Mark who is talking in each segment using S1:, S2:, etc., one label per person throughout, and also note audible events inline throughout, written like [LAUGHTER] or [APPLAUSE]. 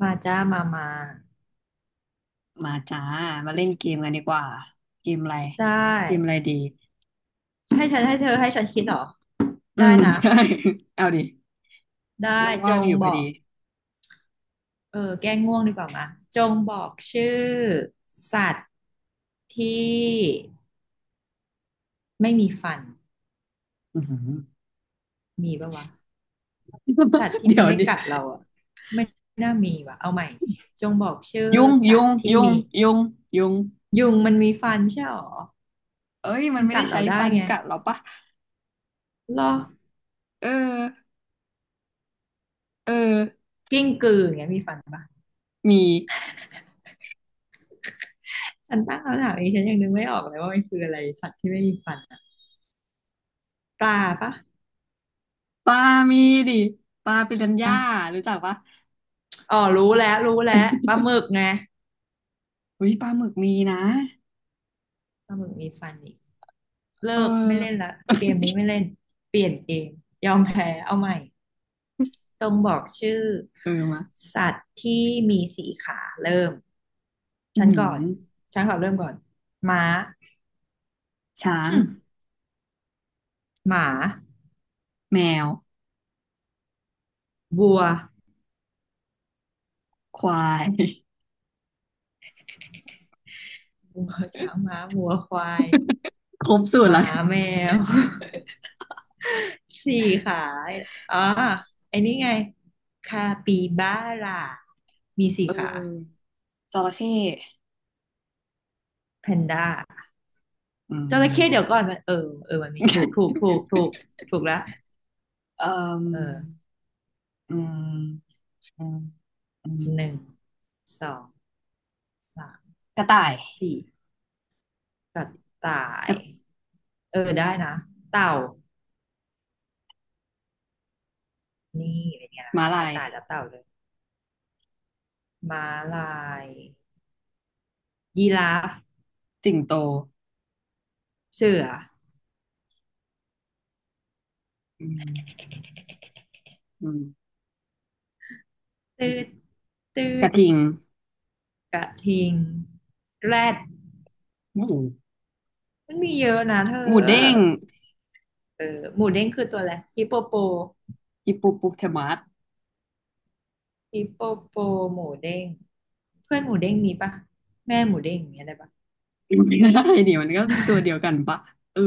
S1: มาจ้ามามา
S2: มาจ้ามาเล่นเกมกันดีกว่าเกมอะไร
S1: ได
S2: เกมอะ
S1: ้
S2: ไรดี
S1: ให้ฉันให้ฉันคิดเหรอ
S2: อื
S1: ได้
S2: ม
S1: นะ
S2: [LAUGHS] ใช่เอาดิ
S1: ได้จ
S2: ว่างๆ
S1: ง
S2: อยู่พ
S1: บ
S2: อ
S1: อก
S2: ดี
S1: เออแก้ง่วงดีกว่ามาจงบอกชื่อสัตว์ที่ไม่มีฟัน
S2: อือหือ
S1: มีปะวะสัตว์
S2: [LAUGHS]
S1: ที่
S2: เดี๋
S1: มั
S2: ย
S1: น
S2: ว
S1: ไม่
S2: ดิ
S1: กัดเราอ่ะไม่น่ามีว่ะเอาใหม่จงบอกชื่อ
S2: ยุง
S1: สั
S2: ยุ
S1: ต
S2: ง
S1: ว์ที่
S2: ยุง
S1: มี
S2: ยุงยุง
S1: ยุงมันมีฟันใช่หรอ
S2: เอ้ยมั
S1: มั
S2: น
S1: น
S2: ไม่
S1: กั
S2: ได้
S1: ดเรา
S2: ใช้
S1: ได้
S2: ฟัน
S1: ไง
S2: กัดหรอปะ
S1: หรอ
S2: เออเออ
S1: กิ้งกืออย่างเงี้ยมีฟันปะ
S2: มี
S1: ฉันตั้งคำถามเองฉันยังนึกไม่ออกเลยว่ามันคืออะไรสัตว์ที่ไม่มีฟันอะปลาปะ
S2: ปลามีดิปลาปิรันย่า
S1: อ่ะ
S2: รู้จักปะ
S1: อ๋อรู้แล้วรู้แล้วปลาหมึก
S2: [LAUGHS]
S1: ไง
S2: อุ้ยปลาหมึกมีนะ
S1: ปลาหมึกมีฟันอีก
S2: เออ
S1: เลิกไม่เล่นละเกมนี้ไม่เล่นเปลี่ยนเกมยอมแพ้เอาใหม่ต้องบอกชื่อ
S2: เออมา
S1: สัตว์ที่มีสี่ขาเริ่ม
S2: อือ
S1: ฉัน
S2: หือ
S1: ก่อนฉันขอเริ่มก่อนม้า
S2: ช้า
S1: ห
S2: ง
S1: มหมา
S2: แมว
S1: วัว
S2: ควาย [LAUGHS]
S1: ช้างม้าวัวควาย
S2: ครบสู
S1: ห
S2: ตรแล้
S1: มา
S2: วนะ
S1: แมว [LAUGHS] สี่ขาอ๋อไอ้นี่ไงคาปิบาร่ามีสี่
S2: เออ
S1: ขา
S2: จระเข้
S1: แพนด้า
S2: อืม
S1: จระเข้เดี๋ยวก่อนมันมันมีถูกถูกแล้ว
S2: เอ่
S1: เอ
S2: อ
S1: อ
S2: อืม อืมอื
S1: หนึ่
S2: ม
S1: งสองสาม
S2: กระต่าย
S1: สี่กระต่า
S2: ก
S1: ย
S2: ระ
S1: เออได้นะเต่านี่เป็นไงล่ะ
S2: ม้า
S1: ก
S2: ลา
S1: ระ
S2: ย
S1: ต่ายกับเต่าเลยม้าลายยีราฟ
S2: สิงโต
S1: เสือ
S2: อืมอืมอื
S1: ตืด
S2: ม
S1: ตื
S2: กระ
S1: ด
S2: ทิง
S1: กระทิงแรด
S2: หมู
S1: มันมีเยอะนะเธ
S2: หมูเด้ง
S1: อเออหมูเด้งคือตัวอะไรฮิปโปโป
S2: ฮิปโปโปเทมัส
S1: ฮิปโปโปหมูเด้งเพื่อนหมูเด้งมีปะแม่หมูเด้งอย่างเงี้ยได้ปะ
S2: อะไรดีมันก็ตัวเดียวกันปะเออ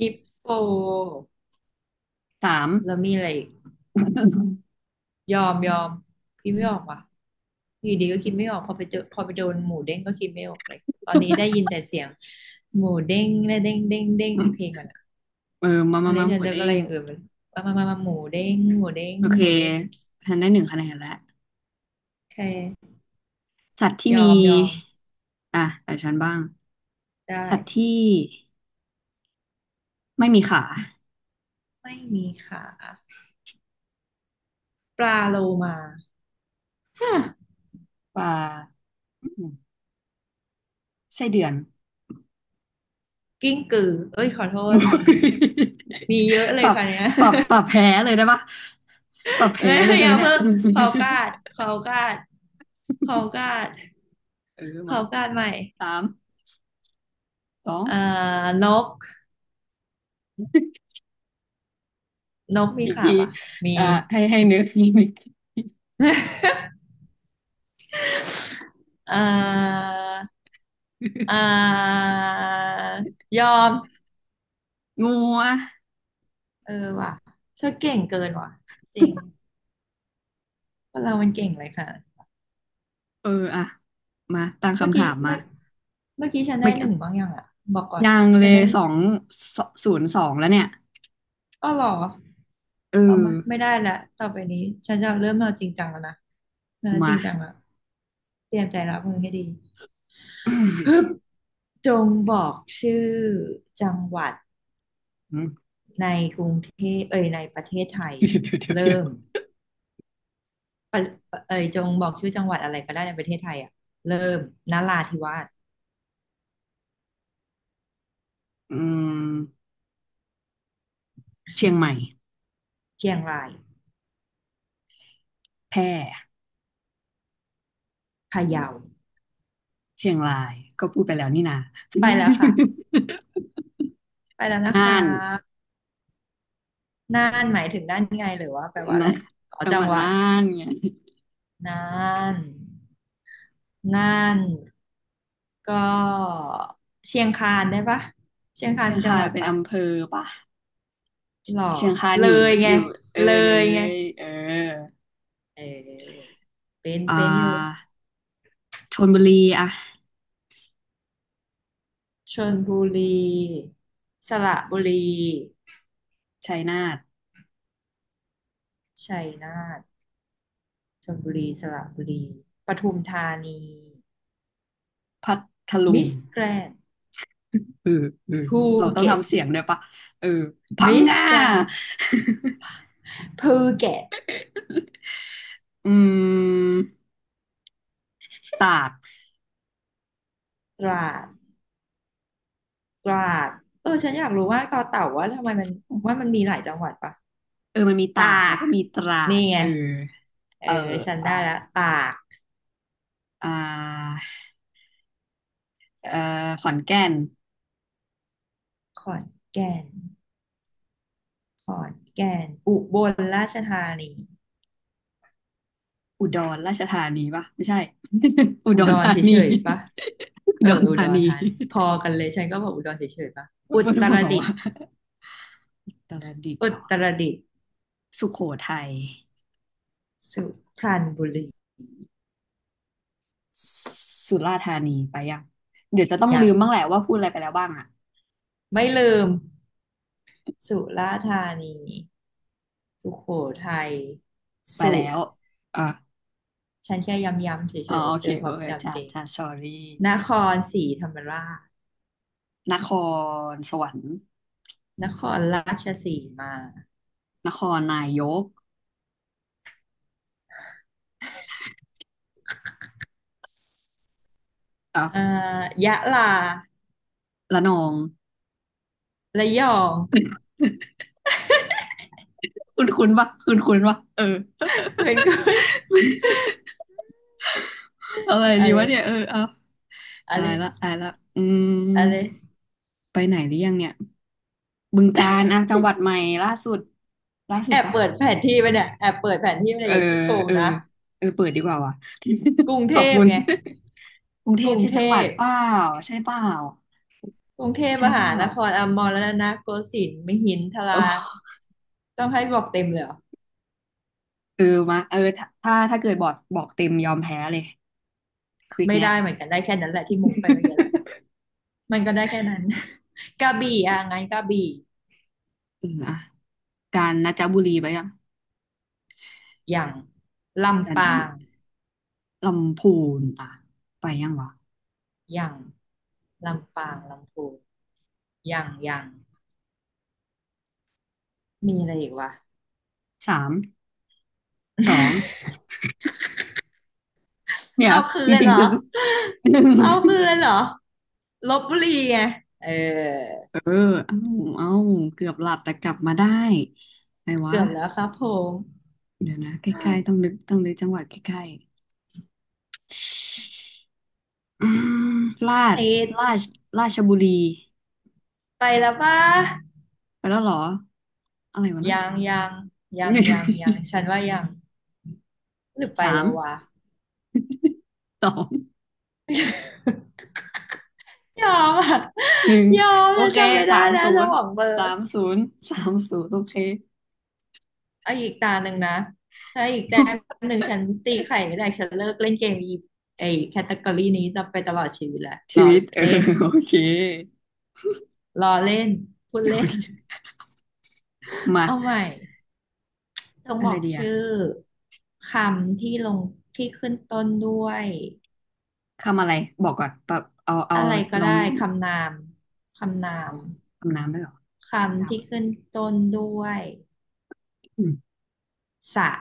S1: ฮิปโป
S2: สาม
S1: แล้วมีอะไรอีก
S2: [LAUGHS]
S1: ยอมยอมพี่ไม่ออกว่ะอยู่ดีก็คิดไม่ออกพอไปเจอพอไปโดนหมูเด้งก็คิดไม่ออกเลยตอนนี้ได้ยินแต่เสียงหมูเด้งและเด้งเด้งเด้ง
S2: อืม
S1: เพลงมันอะ
S2: เออมา
S1: ตอ
S2: มา
S1: นนี้
S2: มาห
S1: ฉั
S2: มู
S1: นเจอ
S2: เด้
S1: อะไร
S2: ง
S1: อย่างอื่นมันมามามามาหมูเด้งหมูเด้ง
S2: โอเค
S1: หมูเด้ง
S2: ฉันได้หนึ่งคะแนนแล้ว
S1: โอเค
S2: สัตว์ที่
S1: ยอ
S2: มี
S1: มยอม
S2: อ่ะแต่ฉันบ้าง
S1: ได้
S2: สัตว์ที่ไม่มีขา
S1: ไม่มีขาปลาโลมาฮะ
S2: ปลาอืมไส้เดือน
S1: กิ้งกือเอ้ยขอโท
S2: [LAUGHS] อุ๊
S1: ษ
S2: ย
S1: มีมีเยอะเล
S2: ป
S1: ย
S2: รับ
S1: ค่ะเนี่ย
S2: ปรับแพ้เลยได้ปะปรับ
S1: [LAUGHS]
S2: แพ้
S1: ไม่
S2: เลยได้
S1: อ
S2: ไหม
S1: ย่า
S2: เนี่ย
S1: เพิ่งขอกาด
S2: [LAUGHS]
S1: ขอกาดขอกาด
S2: เออ
S1: ข
S2: มา
S1: อกาดใหม่
S2: สามสอง
S1: เอ่อนกมี
S2: อีก
S1: ขา
S2: ที
S1: ปะมี
S2: อ่าให้นึกนึก
S1: เอ่อเอ่อยอม
S2: งูอ่ะ
S1: เออว่ะเธอเก่งเกินว่ะจริงคนเรามันเก่งเลยค่ะ
S2: เอออ่ะมาตั้ง
S1: เมื่อ
S2: คำ
S1: กี้
S2: ถามมา
S1: เมื่อเมื่อกี้ฉันได้
S2: ไม่
S1: หนึ่งบ้างยังอ่ะบอกก่อน
S2: ยังเล
S1: ฉัน
S2: ย
S1: ได้
S2: สองศูนย์สองแล้วเนี่ย
S1: อ้อเหรอ
S2: เอ
S1: เอา
S2: อ
S1: มาไม่ได้ละต่อไปนี้ฉันจะเริ่มเอาจริงจังแล้วนะเออจ
S2: มา
S1: ริงจังละเตรียมใจรับมือให้ดีฮึบจงบอกชื่อจังหวัด
S2: [LAUGHS] อืม
S1: ในกรุงเทพเอ่ยในประเทศไทย
S2: เดี๋ยวเดี๋ยวเดี๋ยวเดี๋ย
S1: เริ่ม
S2: ว
S1: ปะปะเอ่ยจงบอกชื่อจังหวัดอะไรก็ได้ในประเทศไทยอ่ะเริ่มนราธิวาส
S2: อืมเชียงใหม่
S1: เชียงราย
S2: แพร่
S1: พะเยา
S2: เชียงรายก็พูดไปแล้วนี่นา [LAUGHS]
S1: ไปแล้วค่ะไปแล้วนะ
S2: น่า
S1: คะ
S2: น
S1: น่านหมายถึงน่านไงหรือว่าแปลว่าอะไร
S2: นะ
S1: อ๋อ
S2: จัง
S1: จั
S2: ห
S1: ง
S2: วัด
S1: หวัด
S2: น่านไง
S1: น่าน น่านก็เชียงคานได้ปะเชียงคาน
S2: เชียง
S1: มีจั
S2: คา
S1: งห
S2: น
S1: วัด
S2: เป็น
S1: ปะ
S2: อำเภอปะ
S1: หรอ
S2: เชียงคาน
S1: เล
S2: อยู่
S1: ยไง
S2: อยู่เออ
S1: เล
S2: เล
S1: ยไง
S2: ยเออ
S1: เออเป็น
S2: อ่
S1: เป็นอยู่
S2: าชลบุรีอะ
S1: ชลบุรีสระบุรี
S2: ชัยนาท
S1: ชัยนาทชลบุรีสระบุรีปทุมธานี
S2: พัทลุง
S1: มิสแกรนด์
S2: เออเออ
S1: ภู
S2: เราต้อง
S1: เก็ต
S2: ทำเสียงด้วยปะเออพัง
S1: มิส
S2: งา
S1: แกรนด์ภูเก็ต
S2: [LAUGHS] อืมตาก
S1: ตราดตราดเออฉันอยากรู้ว่าต่อเต่าว่าทำไมมันว่ามันมีหลายจังหวัดปะ
S2: เออมันมี
S1: ต
S2: ตาก
S1: า
S2: แล้ว
S1: ก
S2: ก็มีตราด
S1: นี่ไง
S2: เออ
S1: เอ
S2: เอ
S1: อ
S2: อ
S1: ฉัน
S2: อ่ะ
S1: ได้ละตาก
S2: อ่า เอ่อขอนแก่น
S1: ขอนแก่นขอนแก่นอุบลราชธานี
S2: อุดรราชธานีปะไม่ใช่ [LAUGHS] อุ
S1: อุ
S2: ด
S1: ด
S2: ร
S1: ร
S2: ธานี
S1: เฉยๆปะ
S2: [LAUGHS] อุ
S1: เอ
S2: ด
S1: อ
S2: ร
S1: อุ
S2: ธา
S1: ดร
S2: นี
S1: ธานีพอกันเลย ฉันก็บอกอุดรเฉยๆปะอุ
S2: ปวด
S1: ต
S2: หั
S1: ร
S2: ว
S1: ดิต
S2: ว่ะ
S1: ถ์
S2: อุตรดิตถ์
S1: อุ
S2: เหรอ
S1: ตรดิตถ์
S2: สุโขทัย
S1: สุพรรณบุรี
S2: สุราษฎร์ธานีไปยังเดี๋ยวจะต้อง
S1: ยั
S2: ลื
S1: ง
S2: มบ้างแหละว่าพูดอะไรไปแล้วบ้างอะ
S1: ไม่ลืม สุราษฎร์ธานี สุโขทัย
S2: ไป
S1: สุ
S2: แล้วอ่ะ
S1: ฉันแค่ย้ำๆเฉ
S2: อ๋อ
S1: ย
S2: โอ
S1: ๆ
S2: เค
S1: เตือนค
S2: โอ
S1: วาม
S2: เค
S1: จำ
S2: จ้า
S1: เจง
S2: จ้า sorry
S1: นครศรีธรรมราช
S2: นครสวรรค์
S1: นครราชสีมา
S2: นครนายกอ่ะ
S1: เอ่ยะลา
S2: ระนอง
S1: ระยอง
S2: [LAUGHS] คุณคุณปะเออ
S1: เหมือนกัน
S2: เอาอะไร
S1: อะ
S2: ดี
S1: ไร
S2: วะเนี่ยเออเอา
S1: อะ
S2: ตา
S1: ไร
S2: ยละตายละอื
S1: อะไร
S2: มไปไหนหรือยังเนี่ยบึงกาฬอ่ะจังหวัดใหม่ล่าสุดล่าสุดปะ
S1: แอบเปิดแผนที่ไป
S2: เอ
S1: เนี่
S2: อ
S1: ยอย่าขี้โกง
S2: เออ
S1: นะ
S2: เออเปิดดีกว่าว่ะ
S1: กรุง
S2: [LAUGHS] ข
S1: เท
S2: อบ
S1: พ
S2: คุณ
S1: ไง
S2: กรุงเท
S1: ก
S2: พ
S1: รุง
S2: ใช่
S1: เท
S2: จังหวัด
S1: พ
S2: เปล่าใช่เปล่า
S1: กรุงเทพ
S2: ใช่
S1: ม
S2: เป
S1: หา
S2: ล่า
S1: นครอมรรัตนโกสินทร์มหินท
S2: เอ
S1: รา
S2: อ
S1: ต้องให้บอกเต็มเลยเหรอ
S2: เออมาเออถ้าเกิดบอกเต็มยอมแพ้เลยควิก
S1: ไม่
S2: เนี้ย
S1: ได้เหมือนกันได้แค่นั้นแหละที่มุงไปเมื่อกี้แหละ
S2: [LAUGHS]
S1: มันก็ได้แค่นั้น [LAUGHS] กระบี่อ่ะไงกระบี่
S2: อืมอ่ะกาญจนบุรีไปยัง
S1: อย่าง
S2: กา
S1: ลำ
S2: ญจ
S1: ปา
S2: น
S1: ง
S2: ลำพูนอ่ะไปยังวะ
S1: อย่างลำปางลำพูน ยังยังมีอะไรอีกวะ
S2: สาม สองเนี่ย
S1: เอาคื
S2: จ
S1: น
S2: ริง
S1: เหร
S2: ๆ
S1: อ
S2: จะ
S1: เอาคื
S2: [LAUGHS]
S1: นเหรอลพบุรีไงเออ
S2: เออเอ้าเอ้าเกือบหลับแต่กลับมาได้ไหนวะ
S1: เกือบแล้วครับผม
S2: เดี๋ยวนะใกล้ๆต้องนึกจังหวัดใกล้ๆอืมราช
S1: ติ
S2: รา
S1: ด
S2: ชราชบุรี
S1: ไปแล้วปะ
S2: ไปแล้วเหรออะไรวะนะ
S1: ยังยังยังยัง
S2: [LAUGHS]
S1: ฉันว่ายังหรือไป
S2: สาม
S1: แล้ววะ
S2: สอง
S1: ยอมอ่ะ
S2: หนึ่ง
S1: [LAUGHS] ยอม
S2: โอ
S1: ฉัน
S2: เค
S1: จำไม่
S2: สา
S1: ได้
S2: ม
S1: แล้ว
S2: ศู
S1: ส
S2: นย์
S1: มองเบลอ
S2: สา
S1: ร์
S2: มศูนย์สามศูนย์โอเค
S1: เอาอีกตาหนึ่งนะถ้าอีกแต้ม
S2: [LAUGHS]
S1: หนึ่งฉันตีไข่ไม่ได้ฉันเลิกเล่นเกมไอแคตตากรีนี้จะไปตลอดชีวิตแหละร
S2: ชี
S1: อ
S2: วิตเออ
S1: เล่น
S2: โอเค
S1: รอเล่นพูดเล่
S2: โอ
S1: น
S2: เคมา
S1: เอาใหม่จง
S2: อะ
S1: บ
S2: ไร
S1: อก
S2: ดีอะ
S1: ชื่อคำที่ลงที่ขึ้นต้นด้วย
S2: ทำอะไรบอกก่อนแบบเอา
S1: อะไรก็
S2: ลอ
S1: ได้
S2: ง
S1: คำนามคำนา
S2: โห
S1: ม
S2: ทำน้ำด้วยเหรอดา
S1: คำ
S2: ว
S1: ที่
S2: อะ
S1: ขึ้นต้นด้วย
S2: อืม
S1: สระ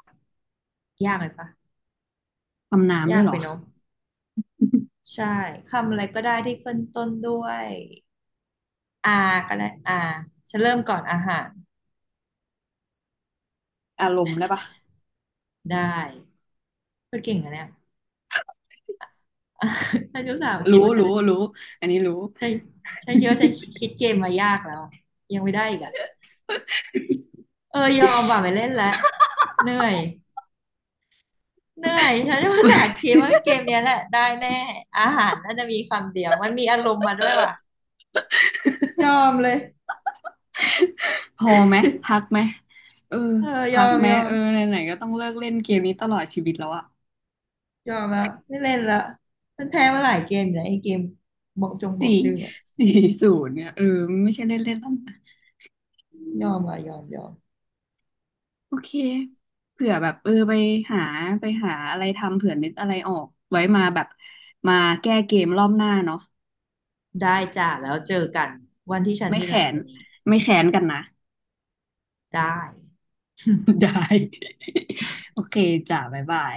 S1: ยากไหมปะ
S2: ทำน้ำด้
S1: ยา
S2: วย
S1: ก
S2: เหร
S1: ไป
S2: อ
S1: เนอะใช่คำอะไรก็ได้ที่ขึ้นต้นด้วยอาก็ได้อาฉันเริ่มก่อนอาหาร
S2: อารมณ์ได้ปะ
S1: ได้เธอเก่งอะเนี่ย [LAUGHS] ฉันรู้สาวคิ
S2: รู้
S1: ดว่าฉั
S2: รู้
S1: น
S2: รู้อันนี้รู้
S1: ใช่ใช่เยอะฉันคิดเกมมายากแล้วอะยังไม่ได้อีกอะ เออยอมว่ะไม่เล่นละเหนื่อยเหนื่อยฉันภาษา
S2: [LAUGHS]
S1: คิดว่าเกมเนี้ยแหละได้แน่อาหารน่าจะมีคำเดียวมันมีอารมณ์มาด้วยว่ะยอมเลย
S2: พอไหมพักไหมเออ
S1: เออย
S2: พั
S1: อ
S2: ก
S1: ม
S2: ไหม
S1: ยอ
S2: เอ
S1: ม
S2: อไหนๆก็ต้องเลิกเล่นเกมนี้ตลอดชีวิตแล้วอะ
S1: ยอมแล้วไม่เล่นละฉันแพ้มาหลายเกมอยู่นะไอ้เกมบอกจงบอ
S2: สี่
S1: กชื่อเนี่ย
S2: สี่ศูนย์เนี่ยเออไม่ใช่เล่นเล่นแล้วนะ
S1: ยอมว่ะยอมยอม
S2: โอเคเผื่อแบบเออหาไปหาอะไรทำเผื่อนึกอะไรออกไว้มาแบบมาแก้เกมรอบหน้าเนาะ
S1: ได้จ้ะแล้วเจอกันวันที่ฉัน
S2: ไม่
S1: มี
S2: แข
S1: แรง
S2: น
S1: กว่านี้
S2: ไม่แขนกันนะ
S1: ได้
S2: [LAUGHS]
S1: [LAUGHS]
S2: ได้ [LAUGHS] โอเคจ้าบ๊ายบาย